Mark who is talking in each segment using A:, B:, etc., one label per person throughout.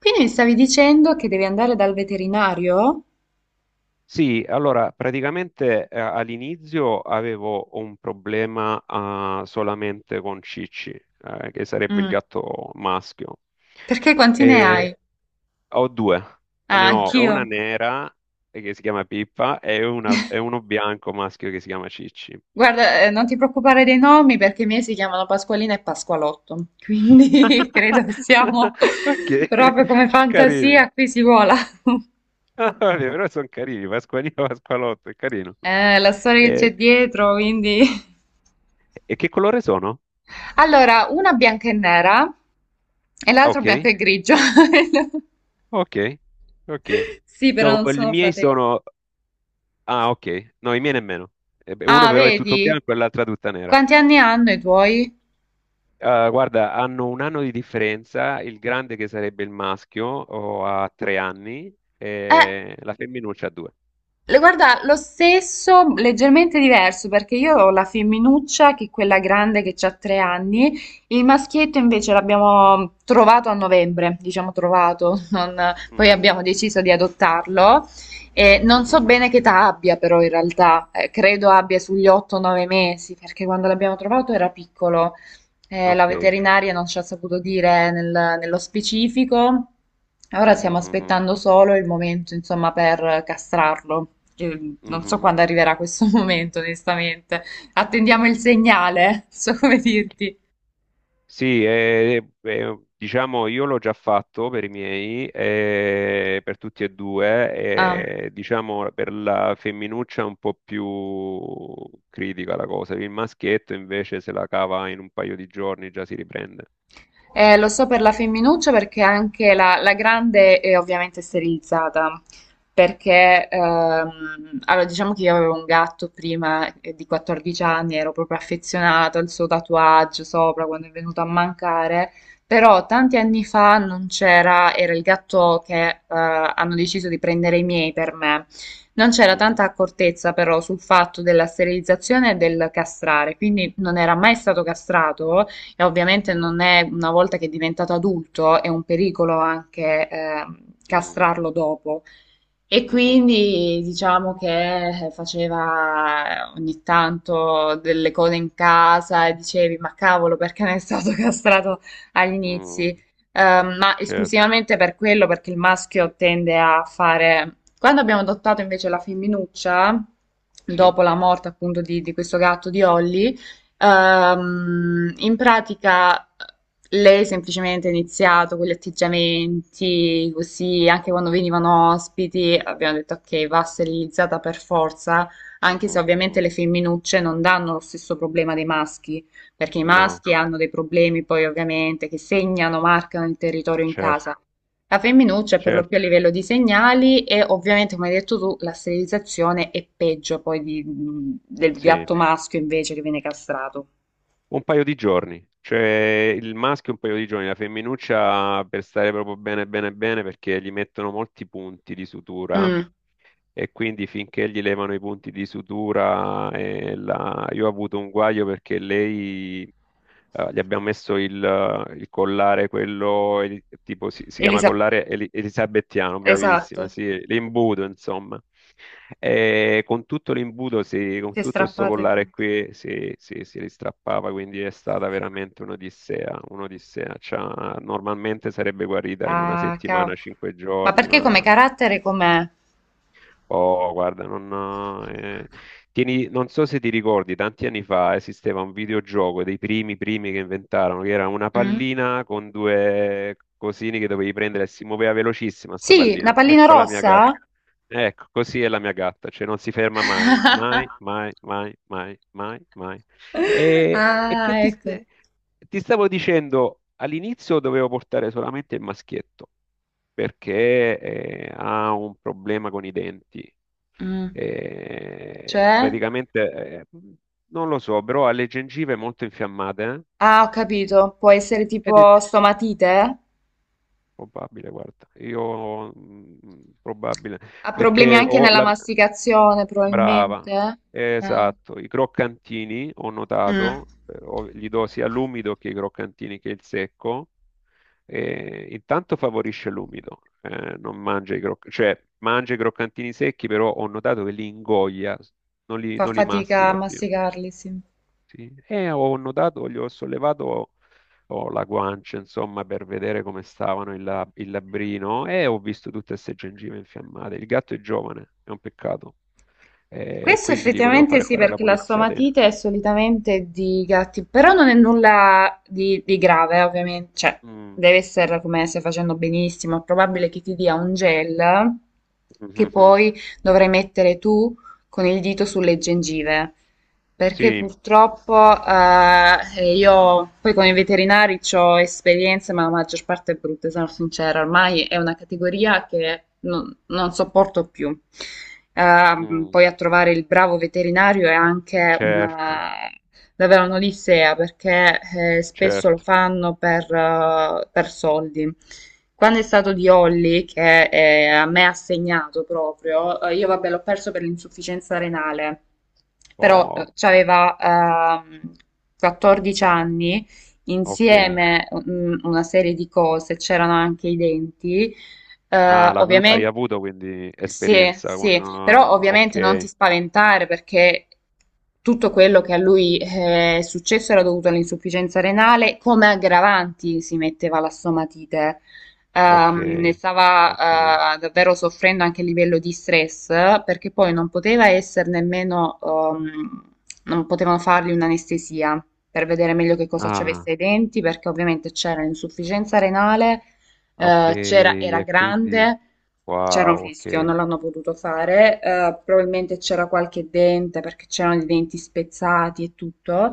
A: Quindi mi stavi dicendo che devi andare dal veterinario?
B: Sì, allora praticamente all'inizio avevo un problema solamente con Cicci, che sarebbe il
A: Mm.
B: gatto maschio.
A: Perché quanti ne hai?
B: E ho due,
A: Ah,
B: ne ho una
A: anch'io.
B: nera che si chiama Pippa e uno bianco maschio che si chiama Cicci.
A: Guarda, non ti preoccupare dei nomi perché i miei si chiamano Pasqualina e Pasqualotto. Quindi credo che siamo
B: Perché?
A: proprio come
B: Che carini.
A: fantasia, qui si vola.
B: Ah, vabbè, però sono carini, Pasqualino, Pasqualotto, è carino.
A: La storia che c'è
B: E,
A: dietro, quindi...
B: e che colore sono?
A: Allora, una bianca e nera e
B: Ah,
A: l'altro bianco
B: ok.
A: e grigio.
B: Ok, ok.
A: Sì, però
B: No,
A: non
B: i
A: sono
B: miei
A: fratelli.
B: sono. Ah, ok. No, i miei nemmeno. Eh beh, uno
A: Ah,
B: però è tutto
A: vedi?
B: bianco e l'altra tutta nera.
A: Quanti anni hanno i tuoi?
B: Ah, guarda, hanno un anno di differenza, il grande che sarebbe il maschio o ha 3 anni
A: Eh,
B: e la femminuccia ha due.
A: Guarda, lo stesso, leggermente diverso, perché io ho la femminuccia, che è quella grande che ha 3 anni, il maschietto invece l'abbiamo trovato a novembre, diciamo trovato, poi
B: Mm,
A: abbiamo deciso di adottarlo. E non so
B: mhm,
A: bene che età abbia però in realtà, credo abbia sugli 8-9 mesi, perché quando l'abbiamo trovato era piccolo. La
B: ok.
A: veterinaria non ci ha saputo dire nello specifico. Ora
B: Mhm,
A: stiamo
B: mhm,
A: aspettando solo il momento, insomma, per castrarlo. Non so
B: mhm.
A: quando arriverà questo momento, onestamente. Attendiamo il segnale, non so come dirti.
B: Sì, diciamo io l'ho già fatto per i miei, per tutti e
A: Ah.
B: due, diciamo per la femminuccia è un po' più critica la cosa, il maschietto invece se la cava in un paio di giorni già si riprende.
A: Lo so per la femminuccia perché anche la grande è ovviamente sterilizzata, perché allora diciamo che io avevo un gatto prima di 14 anni, ero proprio affezionata al suo tatuaggio sopra quando è venuto a mancare, però tanti anni fa non c'era, era il gatto che hanno deciso di prendere i miei per me. Non c'era
B: Mhm,
A: tanta accortezza però sul fatto della sterilizzazione e del castrare, quindi non era mai stato castrato e ovviamente
B: mm,
A: non è una volta che è diventato adulto, è un pericolo anche
B: mm,
A: castrarlo dopo. E
B: mhm,
A: quindi diciamo che faceva ogni tanto delle cose in casa e dicevi, ma cavolo, perché non è stato castrato agli
B: mm.
A: inizi? Ma
B: Certo,
A: esclusivamente per quello, perché il maschio tende a fare... Quando abbiamo adottato invece la femminuccia,
B: sì.
A: dopo la morte appunto di questo gatto di Holly, in pratica lei semplicemente ha iniziato con gli atteggiamenti, così anche quando
B: Mm,
A: venivano ospiti abbiamo detto ok, va sterilizzata per forza, anche se
B: mhm,
A: ovviamente
B: mhm.
A: le femminucce non danno lo stesso problema dei maschi, perché i
B: No,
A: maschi hanno dei problemi poi ovviamente che segnano, marcano il territorio in
B: certo,
A: casa. La femminuccia è per lo
B: certo,
A: più a livello di segnali e ovviamente, come hai detto tu, la sterilizzazione è peggio poi del
B: sì.
A: gatto maschio invece che viene castrato.
B: Un paio di giorni, cioè il maschio un paio di giorni, la femminuccia per stare proprio bene bene bene perché gli mettono molti punti di sutura
A: Mm.
B: e quindi finché gli levano i punti di sutura, io ho avuto un guaio perché lei, gli abbiamo messo il collare, quello tipo si chiama
A: Elisa,
B: collare elisabettiano, bravissima,
A: esatto.
B: sì, l'imbuto insomma. E con tutto l'imbuto, con
A: Si è
B: tutto questo
A: strappate
B: collare
A: voi.
B: qui si ristrappava, quindi è stata veramente un'odissea, un'odissea. Cioè, normalmente sarebbe guarita in una
A: Ah,
B: settimana,
A: cavolo.
B: cinque
A: Ma
B: giorni,
A: perché come
B: ma
A: carattere com'è?
B: Oh, guarda, non so se ti ricordi, tanti anni fa esisteva un videogioco dei primi primi che inventarono, che era una
A: Mm?
B: pallina con due cosini che dovevi prendere e si muoveva velocissima sta
A: Sì, una
B: pallina.
A: pallina
B: Ecco la mia gatta.
A: rossa?
B: Ecco, così è la mia gatta, cioè non si ferma mai, mai, mai, mai, mai, mai, mai. E, e que-
A: Ah,
B: ti,
A: ecco.
B: st- ti stavo dicendo, all'inizio dovevo portare solamente il maschietto perché ha un problema con i denti.
A: Mm.
B: Eh,
A: Cioè?
B: praticamente, non lo so, però ha le gengive molto infiammate, eh?
A: Ah, ho capito. Può essere
B: Ed è
A: tipo stomatite?
B: probabile, guarda, probabile,
A: Ha problemi
B: perché
A: anche
B: ho
A: nella
B: la.
A: masticazione,
B: Brava,
A: probabilmente. Eh.
B: esatto, i croccantini ho
A: Mm.
B: notato, gli do sia l'umido che i croccantini che il secco. E intanto favorisce l'umido, non mangia i cioè mangia i croccantini secchi, però ho notato che li ingoia, non li,
A: Fa
B: non li
A: fatica a
B: mastica più.
A: masticarli, sì.
B: Sì. E ho notato, gli ho sollevato ho la guancia, insomma, per vedere come stavano il labbrino e ho visto tutte queste gengive infiammate. Il gatto è giovane, è un peccato, e
A: Questo
B: quindi gli volevo
A: effettivamente
B: fare
A: sì,
B: fare la
A: perché la
B: pulizia
A: stomatite
B: denti.
A: è solitamente di gatti, però non è nulla di grave, ovviamente, cioè
B: Mm,
A: deve essere come stai facendo benissimo, è probabile che ti dia un gel che
B: mhm,
A: poi dovrai mettere tu con il dito sulle gengive, perché
B: sì,
A: purtroppo io poi con i veterinari ho esperienze, ma la maggior parte è brutta, sono sincera, ormai è una categoria che non sopporto più. Ehm,
B: mm,
A: poi a trovare il bravo veterinario è anche
B: certo,
A: una, davvero un'olissea perché spesso lo
B: certo.
A: fanno per soldi. Quando è stato di Olly, che a me ha segnato proprio, io vabbè l'ho perso per l'insufficienza renale, però
B: Oh,
A: c'aveva ehm, 14 anni,
B: ok.
A: insieme una serie di cose, c'erano anche i denti, eh,
B: Ah, hai
A: ovviamen-
B: avuto quindi
A: sì,
B: esperienza con.
A: sì,
B: Ah,
A: però ovviamente non ti
B: ok,
A: spaventare perché tutto quello che a lui è successo era dovuto all'insufficienza renale, come aggravanti si metteva la stomatite.
B: ok,
A: Ne
B: ok.
A: stava davvero soffrendo anche a livello di stress perché poi non poteva essere nemmeno, non potevano fargli un'anestesia per vedere meglio che cosa ci avesse
B: Ah,
A: ai denti perché ovviamente c'era l'insufficienza renale
B: ah, ok,
A: c'era, era
B: e quindi.
A: grande, c'era un
B: Wow,
A: rischio,
B: ok,
A: non l'hanno potuto fare, probabilmente c'era qualche dente perché c'erano i denti spezzati e tutto,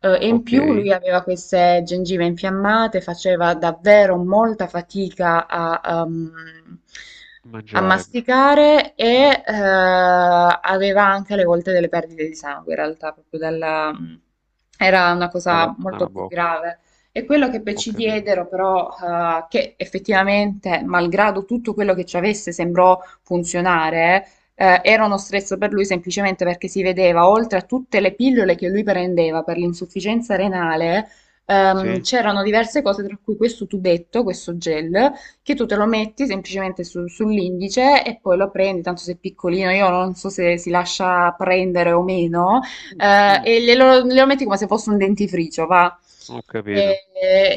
A: e in
B: ok.
A: più lui aveva queste gengive infiammate, faceva davvero molta fatica a, a
B: Mangiare
A: masticare
B: eh,
A: e aveva anche alle volte delle perdite di sangue, in realtà, proprio dalla... Era una
B: dalla,
A: cosa molto
B: dalla
A: più
B: bocca,
A: grave. E quello che poi
B: ho
A: ci
B: capito.
A: diedero, però, che effettivamente, malgrado tutto quello che ci avesse, sembrò funzionare, era uno stress per lui semplicemente perché si vedeva, oltre a tutte le pillole che lui prendeva per l'insufficienza renale,
B: Sì?
A: c'erano diverse cose, tra cui questo tubetto, questo gel, che tu te lo metti semplicemente sull'indice e poi lo prendi, tanto sei piccolino, io non so se si lascia prendere o meno,
B: Mm, mm,
A: e glielo metti come se fosse un dentifricio, va?
B: ho
A: E,
B: capito.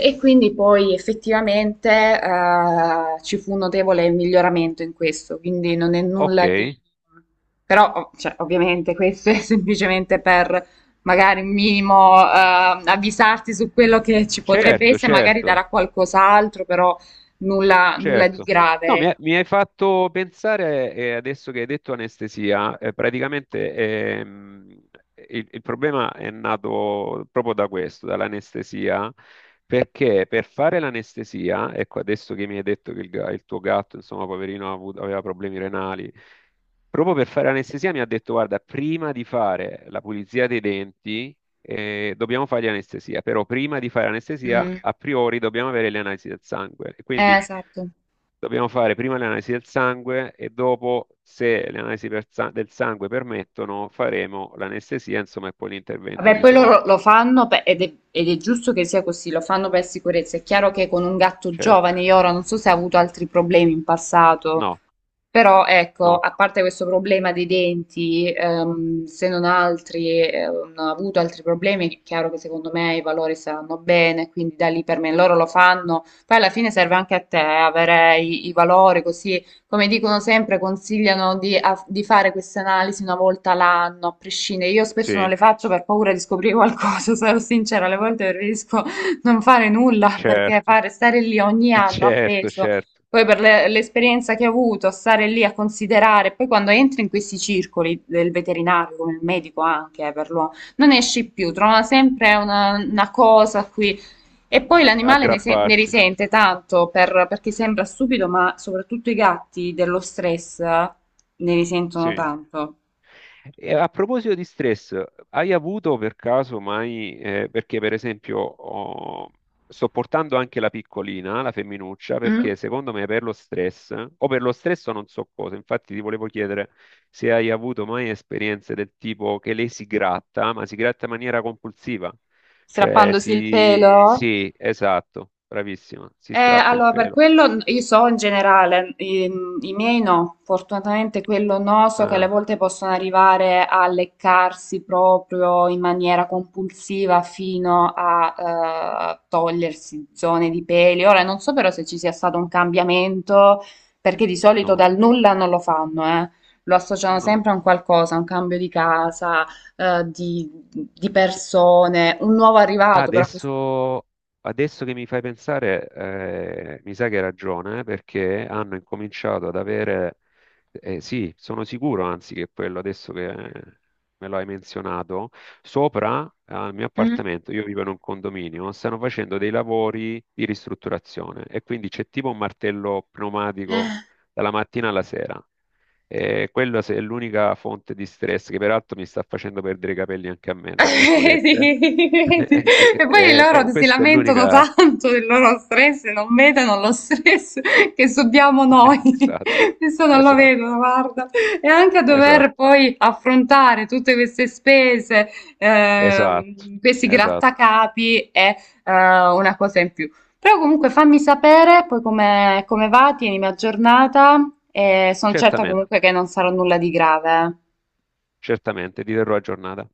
A: e quindi poi effettivamente ci fu un notevole miglioramento in questo, quindi non è
B: Ok,
A: nulla di... Però, cioè, ovviamente questo è semplicemente per magari un minimo avvisarti su quello che ci potrebbe
B: certo,
A: essere, magari
B: certo.
A: darà qualcos'altro, però nulla, nulla di
B: Certo. No,
A: grave.
B: mi, ha-
A: Ecco.
B: mi hai fatto pensare, adesso che hai detto anestesia, praticamente il problema è nato proprio da questo, dall'anestesia, perché per fare l'anestesia, ecco, adesso che mi hai detto che il tuo gatto, insomma, poverino, aveva problemi renali, proprio per fare l'anestesia mi ha detto, guarda, prima di fare la pulizia dei denti, dobbiamo fargli anestesia, però prima di fare anestesia,
A: Mm,
B: a priori dobbiamo avere le analisi del sangue. E quindi.
A: esatto.
B: Dobbiamo fare prima le analisi del sangue e dopo, se le analisi del sangue permettono, faremo l'anestesia, insomma, e poi l'intervento
A: Vabbè,
B: di
A: poi loro
B: sorta.
A: lo fanno ed è giusto che sia così, lo fanno per sicurezza. È chiaro che con un gatto
B: Certo.
A: giovane, io ora non so se ha avuto altri problemi in passato,
B: No,
A: però ecco,
B: no,
A: a parte questo problema dei denti, se non altri, non ho avuto altri problemi, è chiaro che secondo me i valori saranno bene, quindi da lì per me loro lo fanno. Poi alla fine serve anche a te avere i valori, così come dicono sempre, consigliano di fare queste analisi una volta l'anno, a prescindere. Io spesso non
B: sì,
A: le faccio per paura di scoprire qualcosa, sarò sincera, alle volte preferisco non fare nulla perché
B: certo,
A: fare stare lì ogni anno
B: certo,
A: appeso.
B: certo.
A: Poi per l'esperienza che ho avuto, stare lì a considerare, poi quando entri in questi circoli del veterinario, come il medico anche, per l'uomo, non esci più, trova sempre una cosa a cui... E poi l'animale ne, se- ne
B: Aggrapparsi,
A: risente tanto perché sembra stupido, ma soprattutto i gatti dello stress ne risentono
B: sì.
A: tanto.
B: E a proposito di stress, hai avuto per caso mai, perché per esempio sto portando anche la piccolina, la femminuccia,
A: Mm?
B: perché secondo me per lo stress, o per lo stress o non so cosa, infatti ti volevo chiedere se hai avuto mai esperienze del tipo che lei si gratta, ma si gratta in maniera compulsiva, cioè
A: Strappandosi il
B: si.
A: pelo.
B: Sì, esatto, bravissima, si
A: Eh,
B: strappa il
A: allora, per
B: pelo.
A: quello io so in generale, i miei no, fortunatamente quello no, so che alle
B: Ah,
A: volte possono arrivare a leccarsi proprio in maniera compulsiva fino a togliersi zone di peli. Ora non so però se ci sia stato un cambiamento, perché di solito
B: no,
A: dal nulla non lo fanno, eh. Lo associano
B: no.
A: sempre a un qualcosa, a un cambio di casa, di persone, un nuovo arrivato, però questo...
B: Adesso, adesso che mi fai pensare, mi sa che hai ragione, perché hanno incominciato ad avere, sì, sono sicuro, anzi, che quello adesso che me lo hai menzionato, sopra al mio appartamento, io vivo in un condominio, stanno facendo dei lavori di ristrutturazione e quindi c'è tipo un martello pneumatico
A: Mm?
B: dalla mattina alla sera. Quella se- è l'unica fonte di stress che peraltro mi sta facendo perdere i capelli anche a me, tra virgolette.
A: Sì, sì.
B: Eh, eh, eh,
A: E poi
B: eh,
A: loro
B: eh,
A: si
B: questa è
A: lamentano
B: l'unica.
A: tanto del loro stress e non vedono lo stress che subiamo noi.
B: Esatto,
A: Questo non lo
B: esatto,
A: vedono, guarda. E anche a
B: esatto,
A: dover poi affrontare tutte queste spese,
B: esatto,
A: questi
B: esatto.
A: grattacapi è una cosa in più. Però comunque fammi sapere poi come va, tienimi aggiornata e sono certa
B: Certamente,
A: comunque che non sarà nulla di grave.
B: certamente, ti terrò aggiornata.